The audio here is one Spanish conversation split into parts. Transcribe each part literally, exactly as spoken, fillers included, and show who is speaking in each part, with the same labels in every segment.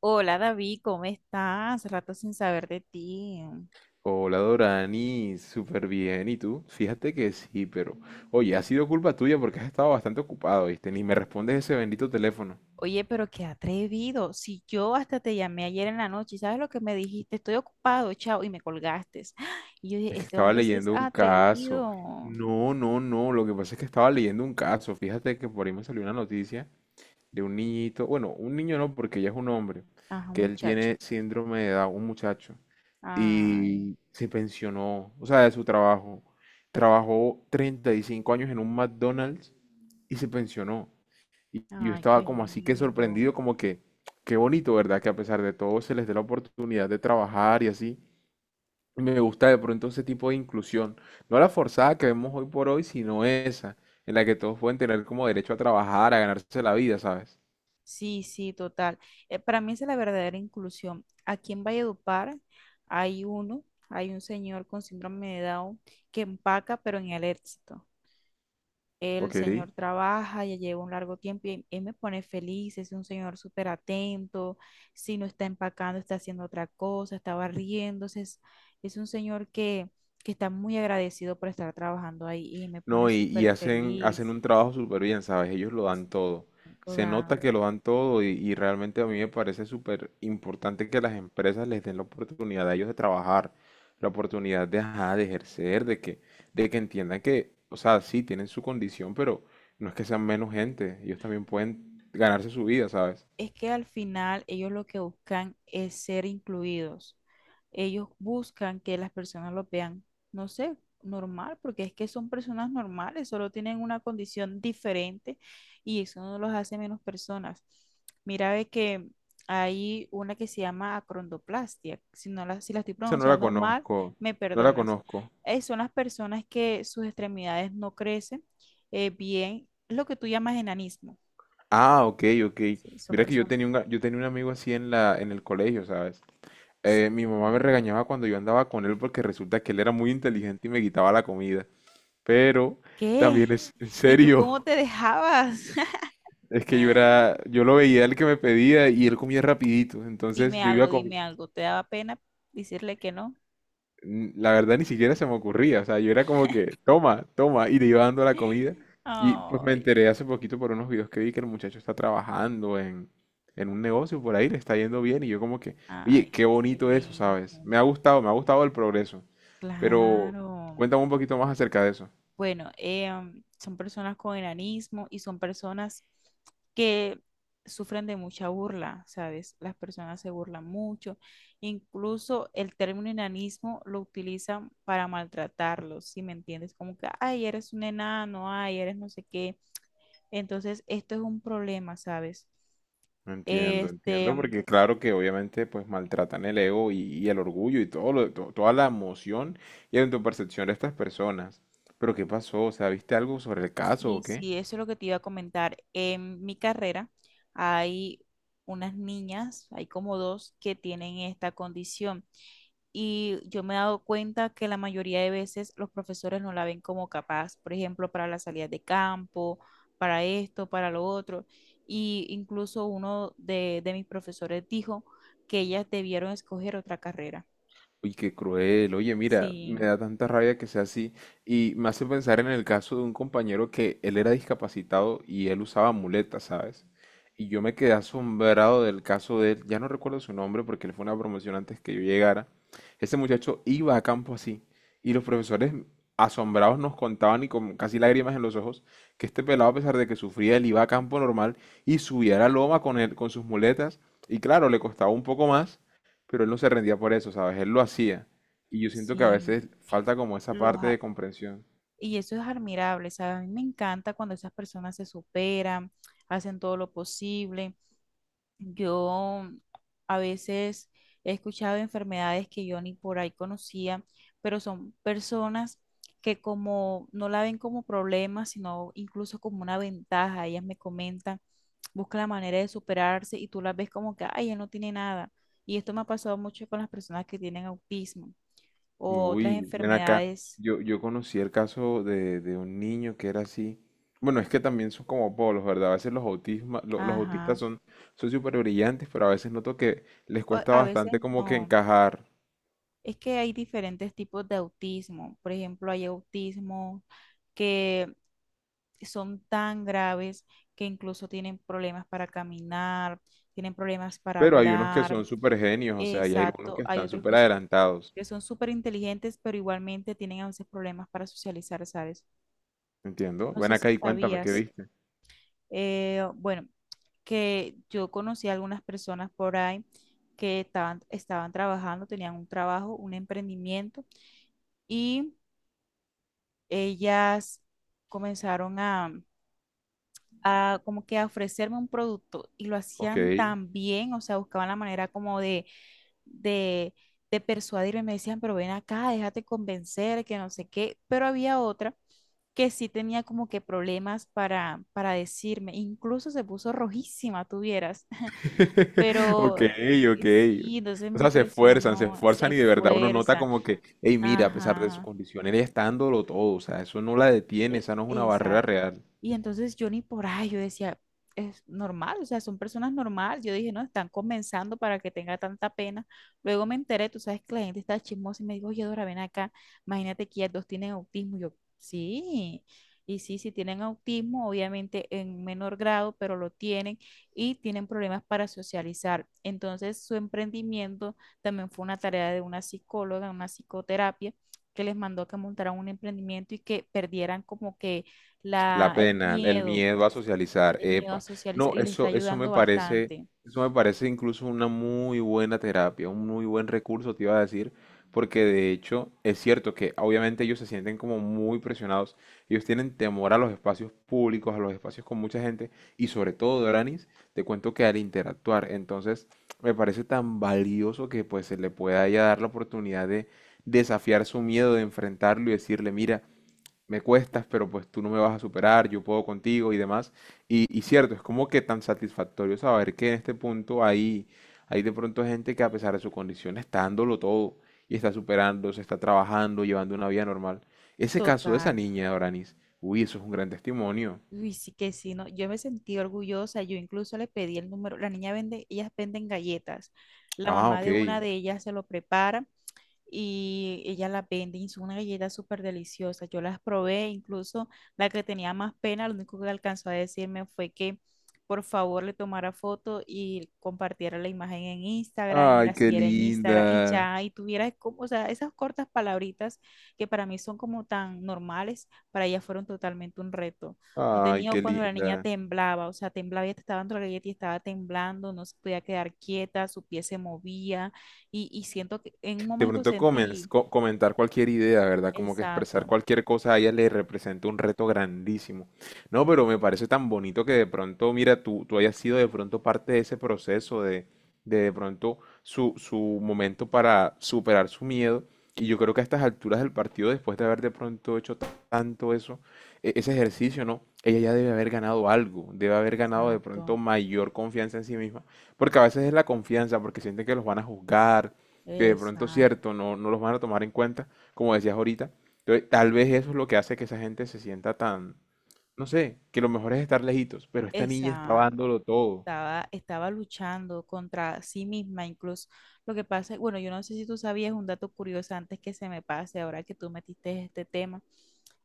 Speaker 1: Hola David, ¿cómo estás? Rato sin saber de ti.
Speaker 2: Hola Dorani, súper bien. ¿Y tú? Fíjate que sí, pero oye, ha sido culpa tuya porque has estado bastante ocupado, ¿viste? Ni me respondes ese bendito teléfono.
Speaker 1: Oye, pero qué atrevido. Si yo hasta te llamé ayer en la noche, y ¿sabes lo que me dijiste? Estoy ocupado, chao, y me colgaste. Y yo dije,
Speaker 2: Es que
Speaker 1: este
Speaker 2: estaba
Speaker 1: hombre sí es
Speaker 2: leyendo un caso.
Speaker 1: atrevido.
Speaker 2: No, no, no. Lo que pasa es que estaba leyendo un caso. Fíjate que por ahí me salió una noticia de un niñito. Bueno, un niño no, porque ya es un hombre.
Speaker 1: Ajá, un
Speaker 2: Que él
Speaker 1: muchacho.
Speaker 2: tiene síndrome de Down, un muchacho.
Speaker 1: Ay,
Speaker 2: Y se pensionó, o sea, de su trabajo. Trabajó treinta y cinco años en un McDonald's y se pensionó. Y y yo
Speaker 1: ay,
Speaker 2: estaba
Speaker 1: qué
Speaker 2: como así que
Speaker 1: lindo.
Speaker 2: sorprendido, como que, qué bonito, ¿verdad? Que a pesar de todo se les dé la oportunidad de trabajar y así. Y me gusta de pronto ese tipo de inclusión. No la forzada que vemos hoy por hoy, sino esa, en la que todos pueden tener como derecho a trabajar, a ganarse la vida, ¿sabes?
Speaker 1: Sí, sí, total. Eh, para mí esa es la verdadera inclusión. Aquí en Valledupar hay uno, hay un señor con síndrome de Down que empaca, pero en el éxito. El
Speaker 2: Ok.
Speaker 1: señor trabaja, ya lleva un largo tiempo y él me pone feliz, es un señor súper atento, si no está empacando, está haciendo otra cosa, está barriéndose, es, es un señor que, que está muy agradecido por estar trabajando ahí y me pone
Speaker 2: No, y, y
Speaker 1: súper
Speaker 2: hacen, hacen
Speaker 1: feliz.
Speaker 2: un trabajo súper bien, ¿sabes? Ellos lo dan todo. Se nota
Speaker 1: Toda.
Speaker 2: que lo dan todo y, y realmente a mí me parece súper importante que las empresas les den la oportunidad a ellos de trabajar, la oportunidad de, ajá, de ejercer, de que, de que entiendan que, o sea, sí, tienen su condición, pero no es que sean menos gente. Ellos también pueden ganarse su vida, ¿sabes?
Speaker 1: es que al final ellos lo que buscan es ser incluidos. Ellos buscan que las personas lo vean, no sé, normal, porque es que son personas normales, solo tienen una condición diferente y eso no los hace menos personas. Mira, ve que hay una que se llama acrondoplastia. Si no la, si la estoy
Speaker 2: Esa no la
Speaker 1: pronunciando mal,
Speaker 2: conozco,
Speaker 1: me
Speaker 2: no la
Speaker 1: perdonas.
Speaker 2: conozco.
Speaker 1: Eh, son las personas que sus extremidades no crecen eh, bien, lo que tú llamas enanismo.
Speaker 2: Ah, ok, ok.
Speaker 1: Sí, son
Speaker 2: Mira que yo
Speaker 1: personas.
Speaker 2: tenía un, yo tenía un amigo así en la, en el colegio, ¿sabes? Eh,
Speaker 1: Sí.
Speaker 2: mi mamá me regañaba cuando yo andaba con él porque resulta que él era muy inteligente y me quitaba la comida. Pero también
Speaker 1: ¿Qué?
Speaker 2: es en
Speaker 1: ¿Y tú cómo
Speaker 2: serio,
Speaker 1: te dejabas?
Speaker 2: es que yo era, yo lo veía el que me pedía y él comía rapidito. Entonces
Speaker 1: Dime
Speaker 2: yo
Speaker 1: algo,
Speaker 2: iba con,
Speaker 1: dime algo. ¿Te daba pena decirle que no?
Speaker 2: n- la verdad ni siquiera se me ocurría. O sea, yo era como que, toma, toma, y le iba dando la comida. Y pues me
Speaker 1: Ay,
Speaker 2: enteré hace poquito por unos videos que vi que el muchacho está trabajando en, en un negocio por ahí, le está yendo bien. Y yo como que,
Speaker 1: ay,
Speaker 2: oye, qué bonito eso, ¿sabes?
Speaker 1: excelente.
Speaker 2: Me ha gustado, me ha gustado el progreso. Pero
Speaker 1: Claro.
Speaker 2: cuéntame un poquito más acerca de eso.
Speaker 1: Bueno, em, son personas con enanismo y son personas que sufren de mucha burla, ¿sabes? Las personas se burlan mucho. Incluso el término enanismo lo utilizan para maltratarlos, ¿si me entiendes? Como que, ay, eres un enano, ay, eres no sé qué. Entonces, esto es un problema, ¿sabes?
Speaker 2: Entiendo,
Speaker 1: Este,
Speaker 2: entiendo,
Speaker 1: em,
Speaker 2: porque claro que obviamente pues maltratan el ego y, y el orgullo y todo lo- to- toda la emoción y tu percepción de estas personas. Pero ¿qué pasó? O sea, ¿viste algo sobre el caso
Speaker 1: Sí,
Speaker 2: o qué?
Speaker 1: sí, eso es lo que te iba a comentar. En mi carrera hay unas niñas, hay como dos que tienen esta condición y yo me he dado cuenta que la mayoría de veces los profesores no la ven como capaz, por ejemplo, para las salidas de campo, para esto, para lo otro. Y incluso uno de, de mis profesores dijo que ellas debieron escoger otra carrera.
Speaker 2: Uy, qué cruel. Oye, mira, me
Speaker 1: Sí,
Speaker 2: da tanta rabia que sea así. Y me hace pensar en el caso de un compañero que él era discapacitado y él usaba muletas, ¿sabes? Y yo me quedé asombrado del caso de él. Ya no recuerdo su nombre porque él fue una promoción antes que yo llegara. Ese muchacho iba a campo así. Y los profesores asombrados nos contaban y con casi lágrimas en los ojos que este pelado, a pesar de que sufría, él iba a campo normal y subía la loma con él, con sus muletas. Y claro, le costaba un poco más pero él no se rendía por eso, ¿sabes? Él lo hacía. Y yo siento que a
Speaker 1: sí.
Speaker 2: veces falta como esa
Speaker 1: los,
Speaker 2: parte de
Speaker 1: a-
Speaker 2: comprensión.
Speaker 1: Y eso es admirable, ¿sabes? A mí me encanta cuando esas personas se superan, hacen todo lo posible. Yo mm, a veces he escuchado enfermedades que yo ni por ahí conocía, pero son personas que como no la ven como problema, sino incluso como una ventaja. Ellas me comentan, buscan la manera de superarse y tú las ves como que, ay, ella no tiene nada. Y esto me ha pasado mucho con las personas que tienen autismo o otras
Speaker 2: Uy, ven acá.
Speaker 1: enfermedades.
Speaker 2: Yo, yo conocí el caso de, de un niño que era así. Bueno, es que también son como polos, ¿verdad? A veces los autisma, lo- los autistas
Speaker 1: Ajá.
Speaker 2: son son súper brillantes, pero a veces noto que les
Speaker 1: o-
Speaker 2: cuesta
Speaker 1: A veces
Speaker 2: bastante como que
Speaker 1: no.
Speaker 2: encajar.
Speaker 1: Es que hay diferentes tipos de autismo. Por ejemplo, hay autismo que son tan graves que incluso tienen problemas para caminar, tienen problemas para
Speaker 2: Pero hay unos que
Speaker 1: hablar.
Speaker 2: son súper genios, o sea, y hay algunos
Speaker 1: Exacto.
Speaker 2: que
Speaker 1: Hay
Speaker 2: están
Speaker 1: otros
Speaker 2: súper
Speaker 1: que son
Speaker 2: adelantados.
Speaker 1: que son súper inteligentes, pero igualmente tienen a veces problemas para socializar, ¿sabes?
Speaker 2: Entiendo.
Speaker 1: No
Speaker 2: Ven
Speaker 1: sé
Speaker 2: acá
Speaker 1: si
Speaker 2: y cuéntame qué
Speaker 1: sabías,
Speaker 2: viste.
Speaker 1: eh, bueno, que yo conocí a algunas personas por ahí que estaban, estaban trabajando, tenían un trabajo, un emprendimiento y ellas comenzaron a, a como que a ofrecerme un producto y lo
Speaker 2: Ok.
Speaker 1: hacían tan bien, o sea, buscaban la manera como de, de, de persuadirme, me decían, pero ven acá, déjate convencer, que no sé qué, pero había otra que sí tenía como que problemas para, para decirme, incluso se puso rojísima, tuvieras,
Speaker 2: Ok,
Speaker 1: pero
Speaker 2: ok.
Speaker 1: sí, entonces
Speaker 2: O
Speaker 1: me
Speaker 2: sea, se esfuerzan, se
Speaker 1: impresionó,
Speaker 2: esfuerzan
Speaker 1: se
Speaker 2: y de verdad uno nota
Speaker 1: fuerza,
Speaker 2: como que, hey, mira, a pesar de su
Speaker 1: ajá.
Speaker 2: condición, él está dándolo todo, o sea, eso no la detiene,
Speaker 1: Eh,
Speaker 2: esa no es una barrera
Speaker 1: Exacto.
Speaker 2: real.
Speaker 1: Y entonces yo ni por ahí, yo decía, es normal, o sea, son personas normales. Yo dije, no, están comenzando para que tenga tanta pena. Luego me enteré, tú sabes que la gente está chismosa y me dijo, oye, Dora, ven acá, imagínate que ellas dos tienen autismo. Yo, sí, y sí, sí tienen autismo, obviamente en menor grado, pero lo tienen y tienen problemas para socializar. Entonces su emprendimiento también fue una tarea de una psicóloga, una psicoterapia que les mandó que montaran un emprendimiento y que perdieran como que
Speaker 2: La
Speaker 1: la, el
Speaker 2: pena, el
Speaker 1: miedo,
Speaker 2: miedo a socializar,
Speaker 1: el miedo a
Speaker 2: epa. No,
Speaker 1: socializar y les está
Speaker 2: eso, eso me
Speaker 1: ayudando
Speaker 2: parece,
Speaker 1: bastante.
Speaker 2: eso me parece incluso una muy buena terapia, un muy buen recurso, te iba a decir, porque de hecho es cierto que obviamente ellos se sienten como muy presionados, ellos tienen temor a los espacios públicos, a los espacios con mucha gente, y sobre todo, Doranis, te cuento que al interactuar, entonces me parece tan valioso que pues se le pueda ya dar la oportunidad de desafiar su miedo, de enfrentarlo y decirle, mira, me cuestas, pero pues tú no me vas a superar, yo puedo contigo y demás. Y, y cierto, es como que tan satisfactorio saber que en este punto hay, hay de pronto gente que a pesar de su condición está dándolo todo y está superando, se está trabajando, llevando una vida normal. Ese caso de esa
Speaker 1: Total.
Speaker 2: niña, Doranis, uy, eso es un gran testimonio.
Speaker 1: Uy, sí que sí, no, yo me sentí orgullosa, yo incluso le pedí el número, la niña vende, ellas venden galletas, la
Speaker 2: Ah,
Speaker 1: mamá
Speaker 2: ok.
Speaker 1: de una de ellas se lo prepara y ella las vende y son unas galletas súper deliciosas. Yo las probé, incluso la que tenía más pena, lo único que alcanzó a decirme fue que por favor le tomara foto y compartiera la imagen en Instagram y
Speaker 2: Ay,
Speaker 1: la
Speaker 2: qué
Speaker 1: siguiera en Instagram y
Speaker 2: linda.
Speaker 1: ya, y tuviera como, o sea, esas cortas palabritas que para mí son como tan normales, para ella fueron totalmente un reto. No
Speaker 2: Ay,
Speaker 1: tenía
Speaker 2: qué
Speaker 1: cuando la niña
Speaker 2: linda.
Speaker 1: temblaba, o sea, temblaba y te estaba dando la galleta y estaba temblando, no se podía quedar quieta, su pie se movía y, y siento que en un
Speaker 2: De
Speaker 1: momento
Speaker 2: pronto comenz-
Speaker 1: sentí,
Speaker 2: co- comentar cualquier idea, ¿verdad? Como que expresar
Speaker 1: exacto,
Speaker 2: cualquier cosa a ella le representa un reto grandísimo. No, pero me parece tan bonito que de pronto, mira, tú, tú hayas sido de pronto parte de ese proceso de, de de pronto su, su momento para superar su miedo. Y yo creo que a estas alturas del partido, después de haber de pronto hecho ta- tanto eso, e- ese ejercicio, ¿no? Ella ya debe haber ganado algo, debe haber ganado de pronto
Speaker 1: exacto,
Speaker 2: mayor confianza en sí misma, porque a veces es la confianza, porque sienten que los van a juzgar que de pronto,
Speaker 1: exacto,
Speaker 2: cierto, no, no los van a tomar en cuenta, como decías ahorita. Entonces, tal vez eso es lo que hace que esa gente se sienta tan, no sé, que lo mejor es estar lejitos, pero esta niña estaba
Speaker 1: exacto.
Speaker 2: dándolo todo.
Speaker 1: estaba, estaba luchando contra sí misma, incluso lo que pasa, bueno, yo no sé si tú sabías un dato curioso antes que se me pase, ahora que tú metiste este tema,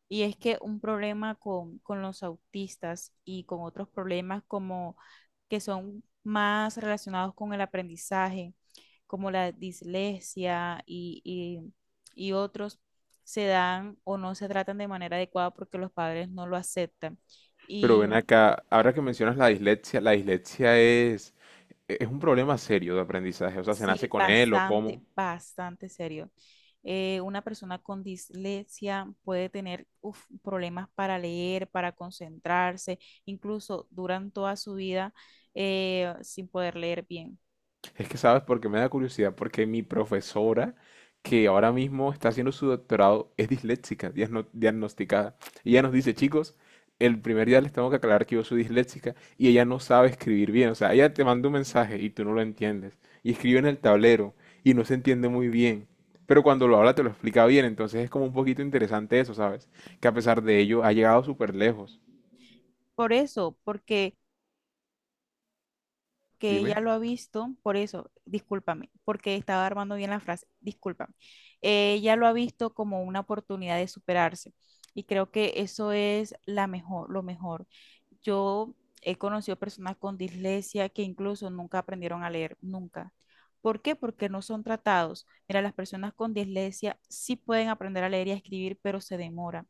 Speaker 1: y es que un problema con, con los autistas y con otros problemas como que son más relacionados con el aprendizaje, como la dislexia y, y y otros, se dan o no se tratan de manera adecuada porque los padres no lo aceptan.
Speaker 2: Pero
Speaker 1: Y
Speaker 2: ven acá, ahora que mencionas la dislexia, la dislexia es, es un problema serio de aprendizaje, o sea, ¿se nace
Speaker 1: Sí,
Speaker 2: con él o
Speaker 1: bastante,
Speaker 2: cómo?
Speaker 1: bastante serio. Eh, una persona con dislexia puede tener uf, problemas para leer, para concentrarse, incluso duran toda su vida eh, sin poder leer bien.
Speaker 2: Es que sabes porque me da curiosidad, porque mi profesora, que ahora mismo está haciendo su doctorado, es disléxica, diagno- diagnosticada. Y ella nos dice, chicos, el primer día les tengo que aclarar que yo soy disléxica y ella no sabe escribir bien. O sea, ella te manda un mensaje y tú no lo entiendes. Y escribe en el tablero y no se entiende muy bien. Pero cuando lo habla te lo explica bien, entonces es como un poquito interesante eso, ¿sabes? Que a pesar de ello ha llegado súper lejos.
Speaker 1: Por eso, porque que
Speaker 2: Dime.
Speaker 1: ella lo ha visto, por eso, discúlpame, porque estaba armando bien la frase, discúlpame. Eh, ella lo ha visto como una oportunidad de superarse y creo que eso es la mejor, lo mejor. Yo he conocido personas con dislexia que incluso nunca aprendieron a leer, nunca. ¿Por qué? Porque no son tratados. Mira, las personas con dislexia sí pueden aprender a leer y a escribir, pero se demora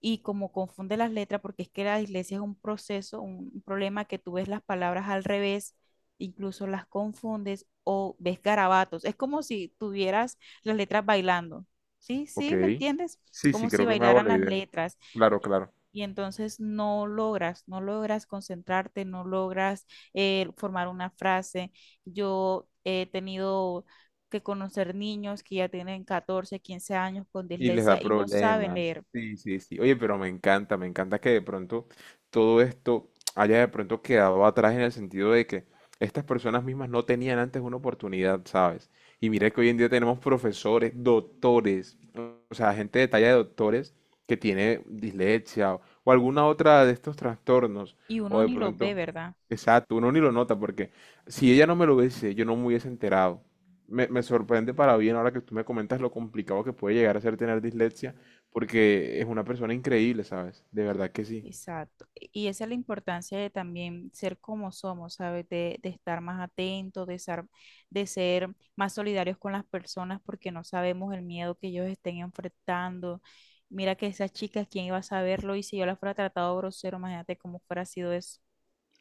Speaker 1: y como confunde las letras, porque es que la dislexia es un proceso, un, un problema que tú ves las palabras al revés, incluso las confundes o ves garabatos. Es como si tuvieras las letras bailando. ¿Sí?
Speaker 2: Ok.
Speaker 1: ¿Sí? ¿Me entiendes?
Speaker 2: Sí, sí,
Speaker 1: Como si
Speaker 2: creo que me hago
Speaker 1: bailaran
Speaker 2: la
Speaker 1: las
Speaker 2: idea.
Speaker 1: letras.
Speaker 2: Claro,
Speaker 1: Y
Speaker 2: claro.
Speaker 1: y entonces no logras, no logras concentrarte, no logras eh, formar una frase. Yo he tenido que conocer niños que ya tienen catorce quince años con
Speaker 2: Y les da
Speaker 1: dislexia y no saben
Speaker 2: problemas.
Speaker 1: leer.
Speaker 2: Sí, sí, sí. Oye, pero me encanta, me encanta que de pronto todo esto haya de pronto quedado atrás en el sentido de que estas personas mismas no tenían antes una oportunidad, ¿sabes? Y mira que hoy en día tenemos profesores, doctores, o o sea, gente de talla de doctores que tiene dislexia o, o alguna otra de estos trastornos,
Speaker 1: Y
Speaker 2: o
Speaker 1: uno
Speaker 2: de
Speaker 1: ni los ve,
Speaker 2: pronto,
Speaker 1: ¿verdad?
Speaker 2: exacto, uno ni lo nota porque si ella no me lo hubiese, yo no me hubiese enterado me, me sorprende para bien ahora que tú me comentas lo complicado que puede llegar a ser tener dislexia, porque es una persona increíble, ¿sabes? De verdad que sí.
Speaker 1: Exacto. Y esa es la importancia de también ser como somos, ¿sabes? De, de estar más atentos, de ser, de ser más solidarios con las personas porque no sabemos el miedo que ellos estén enfrentando. Mira que esas chicas, ¿quién iba a saberlo? Y si yo las fuera tratado grosero, imagínate cómo fuera sido eso.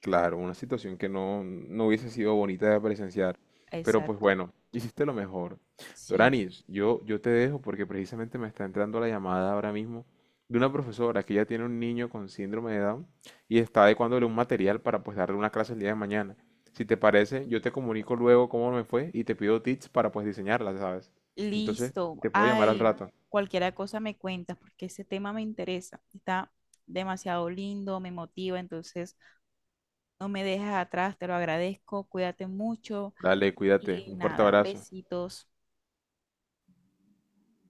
Speaker 2: Claro, una situación que no, no hubiese sido bonita de presenciar. Pero pues
Speaker 1: Exacto.
Speaker 2: bueno, hiciste lo mejor.
Speaker 1: Sí.
Speaker 2: Doranis, yo, yo te dejo porque precisamente me está entrando la llamada ahora mismo de una profesora que ya tiene un niño con síndrome de Down y está adecuándole un material para pues darle una clase el día de mañana. Si te parece, yo te comunico luego cómo me fue y te pido tips para pues diseñarla, ¿sabes? Entonces,
Speaker 1: Listo.
Speaker 2: te puedo llamar al
Speaker 1: Ay,
Speaker 2: rato.
Speaker 1: cualquier cosa me cuentas porque ese tema me interesa. Está demasiado lindo, me motiva, entonces, no me dejes atrás, te lo agradezco, cuídate mucho
Speaker 2: Dale, cuídate.
Speaker 1: y
Speaker 2: Un fuerte
Speaker 1: nada,
Speaker 2: abrazo.
Speaker 1: besitos.